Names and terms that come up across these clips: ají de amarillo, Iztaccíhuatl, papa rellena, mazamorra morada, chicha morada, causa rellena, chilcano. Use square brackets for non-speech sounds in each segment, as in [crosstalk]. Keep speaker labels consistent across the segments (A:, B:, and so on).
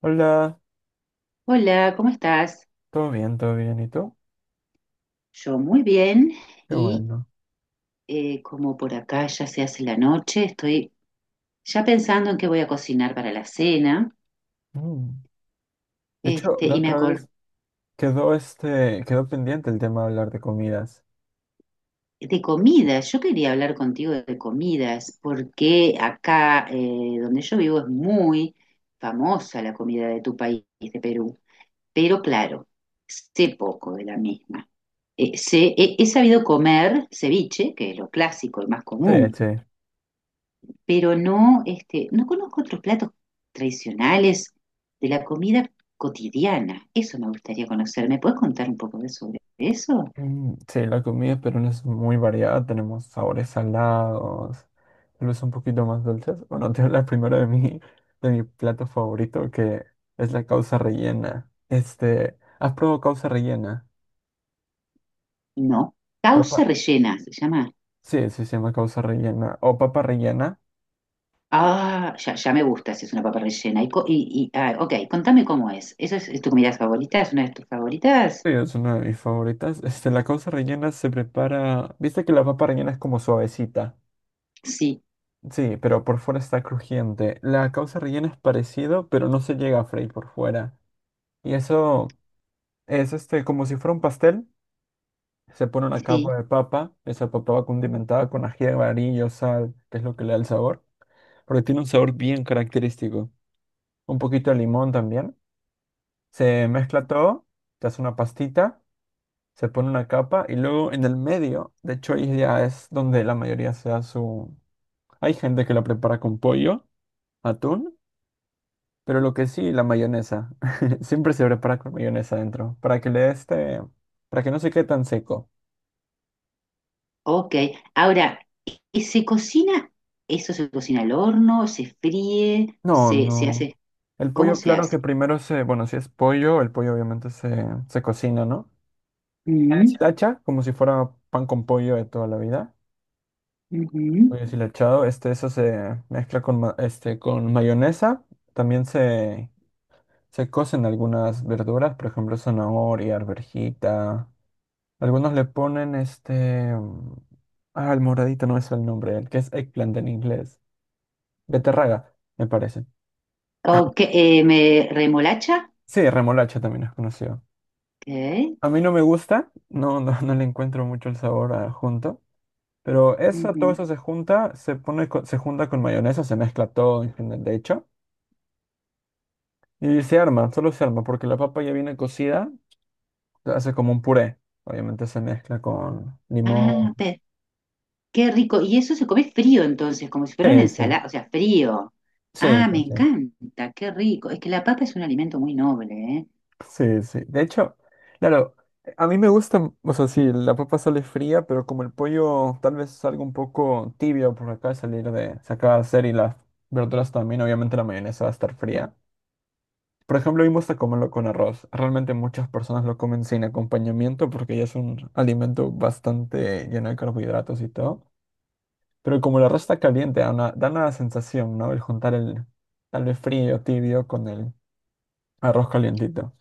A: Hola,
B: Hola, ¿cómo estás?
A: todo bien, ¿y tú?
B: Yo muy bien
A: Qué
B: y
A: bueno.
B: como por acá ya se hace la noche, estoy ya pensando en qué voy a cocinar para la cena.
A: Mm. De hecho,
B: Este,
A: la
B: y me
A: otra
B: acordé
A: vez quedó quedó pendiente el tema de hablar de comidas.
B: de comidas. Yo quería hablar contigo de comidas porque acá donde yo vivo es muy famosa la comida de tu país, de Perú. Pero claro, sé poco de la misma. He sabido comer ceviche, que es lo clásico, el más
A: Sí,
B: común,
A: sí.
B: pero no, este, no conozco otros platos tradicionales de la comida cotidiana. Eso me gustaría conocer. ¿Me puedes contar un poco de sobre eso?
A: Sí, la comida peruana es muy variada, tenemos sabores salados, tal vez un poquito más dulces. Bueno, [laughs] te hablo primero de de mi plato favorito, que es la causa rellena. ¿Has probado causa rellena?
B: No. Causa
A: Papa.
B: rellena, se llama.
A: Sí, sí, se llama causa rellena. O papa rellena.
B: Ah, ya, ya me gusta si es una papa rellena. Ok, contame cómo es. ¿Eso es tu comida favorita? ¿Es una de tus favoritas?
A: Sí, es una de mis favoritas. La causa rellena se prepara. Viste que la papa rellena es como suavecita.
B: Sí,
A: Sí, pero por fuera está crujiente. La causa rellena es parecido, pero no se llega a freír por fuera. Y eso es como si fuera un pastel. Se pone una
B: sí.
A: capa de papa. Esa papa va condimentada con ají de amarillo, sal, que es lo que le da el sabor. Porque tiene un sabor bien característico. Un poquito de limón también. Se mezcla todo. Te hace una pastita. Se pone una capa y luego en el medio, de hecho ahí ya es donde la mayoría se da su... Hay gente que la prepara con pollo, atún, pero lo que sí, la mayonesa. [laughs] Siempre se prepara con mayonesa adentro, para que le dé este... para que no se quede tan seco.
B: Ok. Ahora, ¿y se cocina? ¿Eso se cocina al horno? ¿Se fríe?
A: No,
B: ¿Se
A: no.
B: hace?
A: El
B: ¿Cómo
A: pollo,
B: se
A: claro
B: hace?
A: que primero se... Bueno, si es pollo, el pollo obviamente se cocina, ¿no? Se
B: Mm,
A: la hacha como si fuera pan con pollo de toda la vida.
B: ujú.
A: Pollo deshilachado, eso se mezcla con mayonesa. También se se cocen algunas verduras, por ejemplo, zanahoria, arvejita. Algunos le ponen este... ah, el moradito no es el nombre, el que es eggplant en inglés. Beterraga, me parece.
B: Ok, me remolacha.
A: Sí, remolacha también es conocido.
B: Ok.
A: A mí no me gusta, no, no, no le encuentro mucho el sabor a junto. Pero eso,
B: Ujú.
A: todo eso se junta, se junta con mayonesa, se mezcla todo en general, de hecho. Y se arma, solo se arma, porque la papa ya viene cocida, se hace como un puré. Obviamente se mezcla con limón.
B: Ah, pe- qué rico. Y eso se come frío entonces, como si fuera una
A: Sí, sí,
B: ensalada, o sea, frío.
A: sí,
B: Ah, me
A: sí,
B: encanta, qué rico. Es que la papa es un alimento muy noble, ¿eh?
A: sí, sí, sí. De hecho, claro, a mí me gusta, o sea, sí, la papa sale fría, pero como el pollo tal vez salga un poco tibio por acá de salir de, se acaba de hacer y las verduras también, obviamente la mayonesa va a estar fría. Por ejemplo, a mí me gusta comerlo con arroz. Realmente muchas personas lo comen sin acompañamiento porque ya es un alimento bastante lleno de carbohidratos y todo. Pero como el arroz está caliente, da una sensación, ¿no? El juntar el tal vez frío, tibio con el arroz calientito.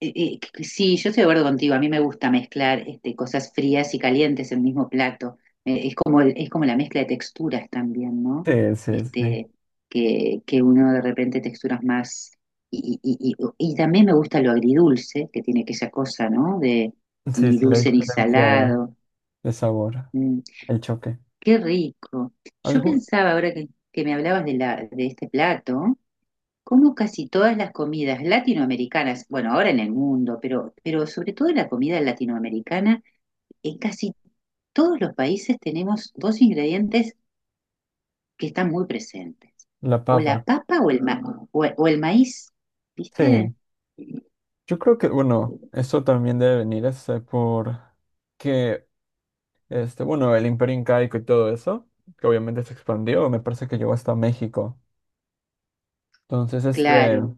B: Eh, Sí, yo estoy de acuerdo contigo. A mí me gusta mezclar este, cosas frías y calientes en el mismo plato. Es como el- es como la mezcla de texturas también, ¿no?
A: Sí, sí, sí.
B: Este, que uno de repente texturas más. Y también me gusta lo agridulce, que tiene aquella cosa, ¿no? De ni dulce ni
A: Diferencia
B: salado.
A: de sabor,
B: Mm,
A: el choque.
B: qué rico. Yo
A: Algo,
B: pensaba ahora que me hablabas de, la, de este plato. Como casi todas las comidas latinoamericanas, bueno, ahora en el mundo, pero sobre todo en la comida latinoamericana, en casi todos los países tenemos dos ingredientes que están muy presentes,
A: la
B: o la
A: papa.
B: papa o el maíz, ¿viste?
A: Sí, yo creo que, bueno, eso también debe venir por que, bueno, el Imperio Incaico y todo eso, que obviamente se expandió, me parece que llegó hasta México. Entonces,
B: Claro,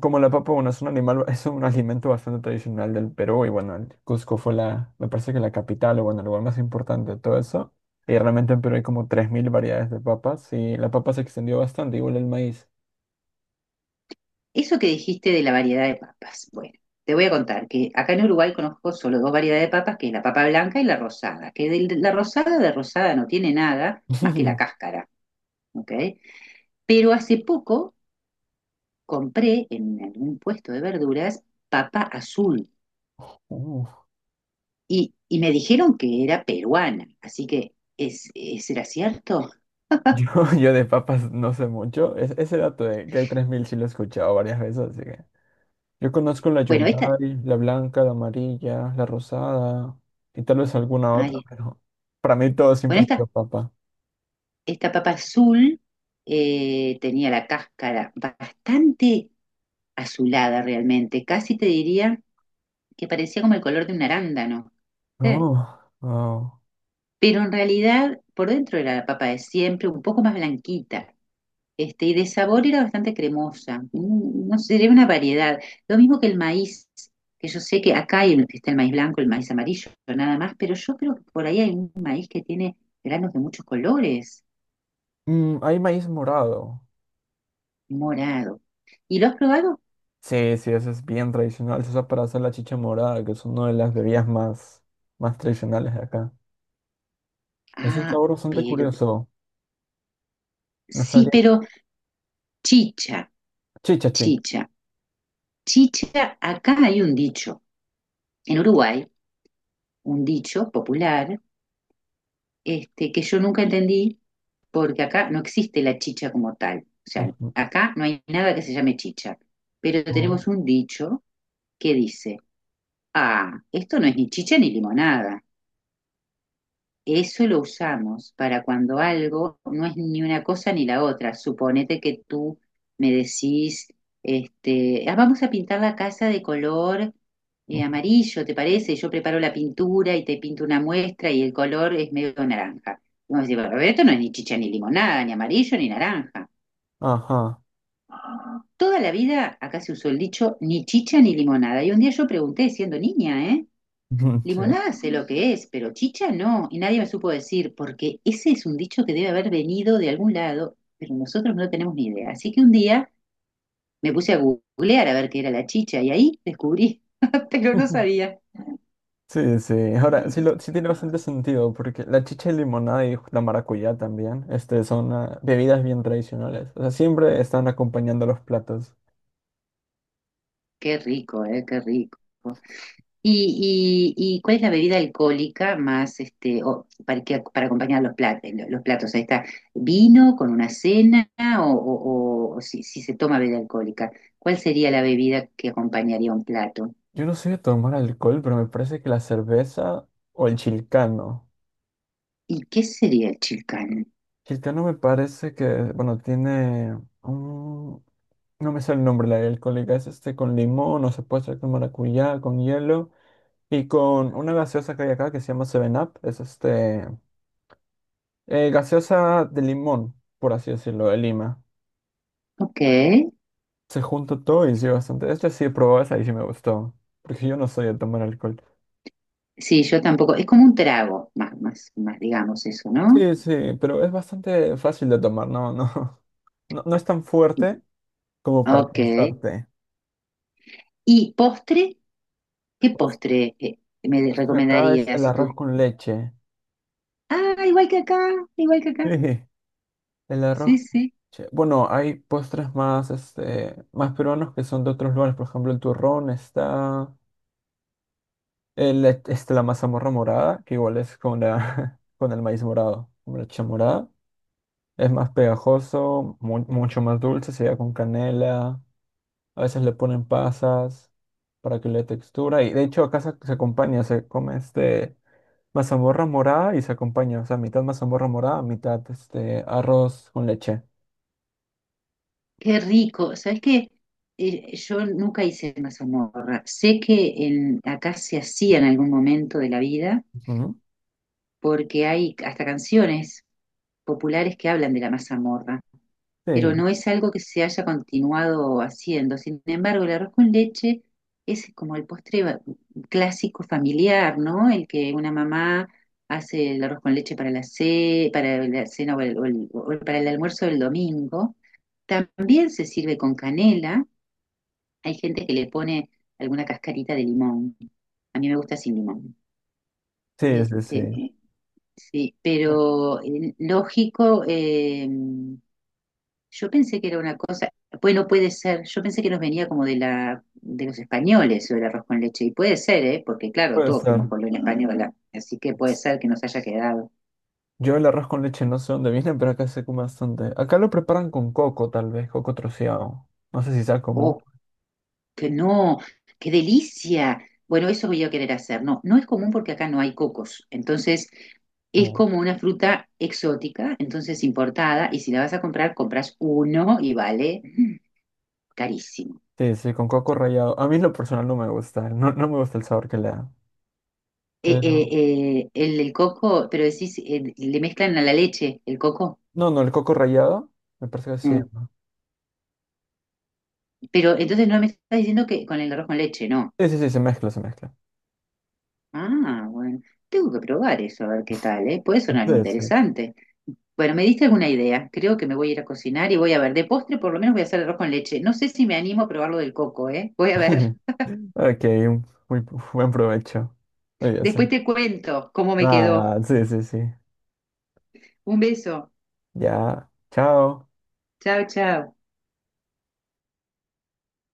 A: como la papa, bueno, es un animal, [laughs] es un alimento bastante tradicional del Perú y bueno, el Cusco fue la, me parece que la capital o bueno, el lugar más importante de todo eso. Y realmente en Perú hay como 3.000 variedades de papas y la papa se extendió bastante, igual el maíz.
B: eso que dijiste de la variedad de papas, bueno, te voy a contar que acá en Uruguay conozco solo dos variedades de papas, que es la papa blanca y la rosada, que de la rosada de rosada no tiene nada más que la
A: [laughs]
B: cáscara, ¿ok? Pero hace poco compré en algún puesto de verduras papa azul
A: Uf.
B: y me dijeron que era peruana, así que ¿será cierto?
A: Yo, yo de papas no sé mucho. Ese dato de que hay 3.000 sí lo he escuchado varias veces, así que yo conozco la
B: Bueno, esta,
A: yungay, la blanca, la amarilla, la rosada y tal vez alguna otra,
B: ay,
A: pero para mí todo
B: bueno,
A: siempre ha
B: esta,
A: sido papa.
B: esta papa azul tenía la cáscara bastante azulada realmente, casi te diría que parecía como el color de un arándano. Eh,
A: Oh, oh.
B: pero en realidad por dentro era la papa de siempre, un poco más blanquita. Este, y de sabor era bastante cremosa, mm, no sé, era una variedad. Lo mismo que el maíz, que yo sé que acá hay, está el maíz blanco, el maíz amarillo, nada más, pero yo creo que por ahí hay un maíz que tiene granos de muchos colores,
A: Mm, hay maíz morado.
B: morado. ¿Y lo has probado?
A: Sí, sí, eso es bien tradicional. Se usa para hacer la chicha morada, que es una de las bebidas más, más tradicionales de acá. Es un
B: Ah,
A: sabor bastante
B: pero,
A: curioso. No
B: sí,
A: sabría.
B: pero chicha,
A: Chicha, chi.
B: chicha, chicha, acá hay un dicho, en Uruguay, un dicho popular, este, que yo nunca entendí, porque acá no existe la chicha como tal. O sea,
A: Ujú,
B: acá no hay nada que se llame chicha, pero
A: ujú,
B: tenemos un dicho que dice, ah, esto no es ni chicha ni limonada. Eso lo usamos para cuando algo no es ni una cosa ni la otra. Suponete que tú me decís, este, "Ah, vamos a pintar la casa de color
A: ujú.
B: amarillo, ¿te parece? Yo preparo la pintura y te pinto una muestra y el color es medio naranja". Vamos a decir, "Bueno, pero esto no es ni chicha ni limonada, ni amarillo ni naranja".
A: Ajá.
B: Toda la vida acá se usó el dicho ni chicha ni limonada. Y un día yo pregunté, siendo niña, ¿eh?
A: Ujú, sí.
B: Limonada sé lo que es, pero chicha no. Y nadie me supo decir, porque ese es un dicho que debe haber venido de algún lado, pero nosotros no tenemos ni idea. Así que un día me puse a googlear a ver qué era la chicha y ahí descubrí, [laughs] pero no
A: [laughs]
B: sabía.
A: Sí, sí. Ahora, sí, lo, sí tiene bastante sentido, porque la chicha de limonada y la maracuyá también, son ah, bebidas bien tradicionales. O sea, siempre están acompañando los platos.
B: Qué rico, ¿eh? Qué rico. ¿Y cuál es la bebida alcohólica más, este, para acompañar los platos, los platos? Ahí está, vino con una cena o si, si se toma bebida alcohólica, ¿cuál sería la bebida que acompañaría un plato?
A: Yo no soy de tomar alcohol, pero me parece que la cerveza o el chilcano.
B: ¿Y qué sería el chilcán?
A: Chilcano me parece que, bueno, tiene un... No me sale el nombre, la alcohólica. Es este con limón, o se puede hacer con maracuyá, con hielo. Y con una gaseosa que hay acá que se llama Seven Up. Es este... gaseosa de limón, por así decirlo, de Lima.
B: Ok,
A: Se junta todo y sí, bastante. Esta sí he probado esa y sí me gustó. Porque yo no soy de tomar alcohol.
B: sí, yo tampoco, es como un trago, más, más, más, digamos eso, ¿no?
A: Sí, sí, pero es bastante fácil de tomar, no, [laughs] no, no, no es tan fuerte como para
B: Ok,
A: cansarte.
B: ¿y postre? ¿Qué
A: Postre
B: postre me
A: acá es
B: recomendarías
A: el
B: si tú?
A: arroz con leche.
B: Ah, igual que
A: [laughs]
B: acá,
A: Sí, el arroz
B: sí,
A: con
B: sí.
A: leche. Bueno, hay postres más, más peruanos que son de otros lugares, por ejemplo, el turrón está, la mazamorra morada, que igual es con la, [laughs] con el maíz morado, con la leche morada. Es más pegajoso, mucho más dulce, se da con canela. A veces le ponen pasas para que le dé textura. Y de hecho acá se acompaña, se come este mazamorra morada y se acompaña. O sea, mitad mazamorra morada, mitad este arroz con leche.
B: Qué rico. ¿Sabes qué? Yo nunca hice una mazamorra. Sé que en, acá se hacía en algún momento de la vida,
A: Ujú.
B: porque hay hasta canciones populares que hablan de la mazamorra, pero
A: Sí,
B: no es algo que se haya continuado haciendo. Sin embargo, el arroz con leche es como el postre clásico familiar, ¿no? El que una mamá hace el arroz con leche para la, para la cena o para el almuerzo del domingo. También se sirve con canela. Hay gente que le pone alguna cascarita de limón. A mí me gusta sin limón.
A: sí, sí, sí.
B: Este, sí, pero lógico, yo pensé que era una cosa, bueno, puede ser, yo pensé que nos venía como de la, de los españoles o el arroz con leche, y puede ser, ¿eh? Porque claro,
A: Puede
B: todos
A: ser.
B: fuimos colonia española, así que puede ser que nos haya quedado.
A: Yo el arroz con leche no sé dónde viene, pero acá se come bastante. Acá lo preparan con coco, tal vez, coco troceado. No sé si sea común.
B: O que no, qué delicia. Bueno, eso voy a querer hacer. No, no es común porque acá no hay cocos. Entonces, es
A: o-
B: como una fruta exótica, entonces importada, y si la vas a comprar, compras uno y vale carísimo.
A: Sí, sí, con coco rallado. A mí en lo personal no me gusta. No, no me gusta el sabor que le da. Pero.
B: El coco, pero decís, le mezclan a la leche el coco.
A: No, no, el coco rallado. Me parece que sí.
B: Mm.
A: ¿No?
B: Pero entonces no me estás diciendo que con el arroz con leche, no.
A: Sí, sí, sí, se mezcla, se mezcla.
B: Ah, bueno. Tengo que probar eso, a ver qué tal, ¿eh? Puede sonar
A: Sí, sí.
B: interesante. Bueno, me diste alguna idea. Creo que me voy a ir a cocinar y voy a ver. De postre, por lo menos voy a hacer arroz con leche. No sé si me animo a probar lo del coco, ¿eh? Voy a ver.
A: [laughs] Ok, buen provecho. Muy bien, sí.
B: Después te cuento cómo me quedó.
A: Nada, sí, sí, sí.
B: Un beso.
A: Ya, chao.
B: Chao, chao.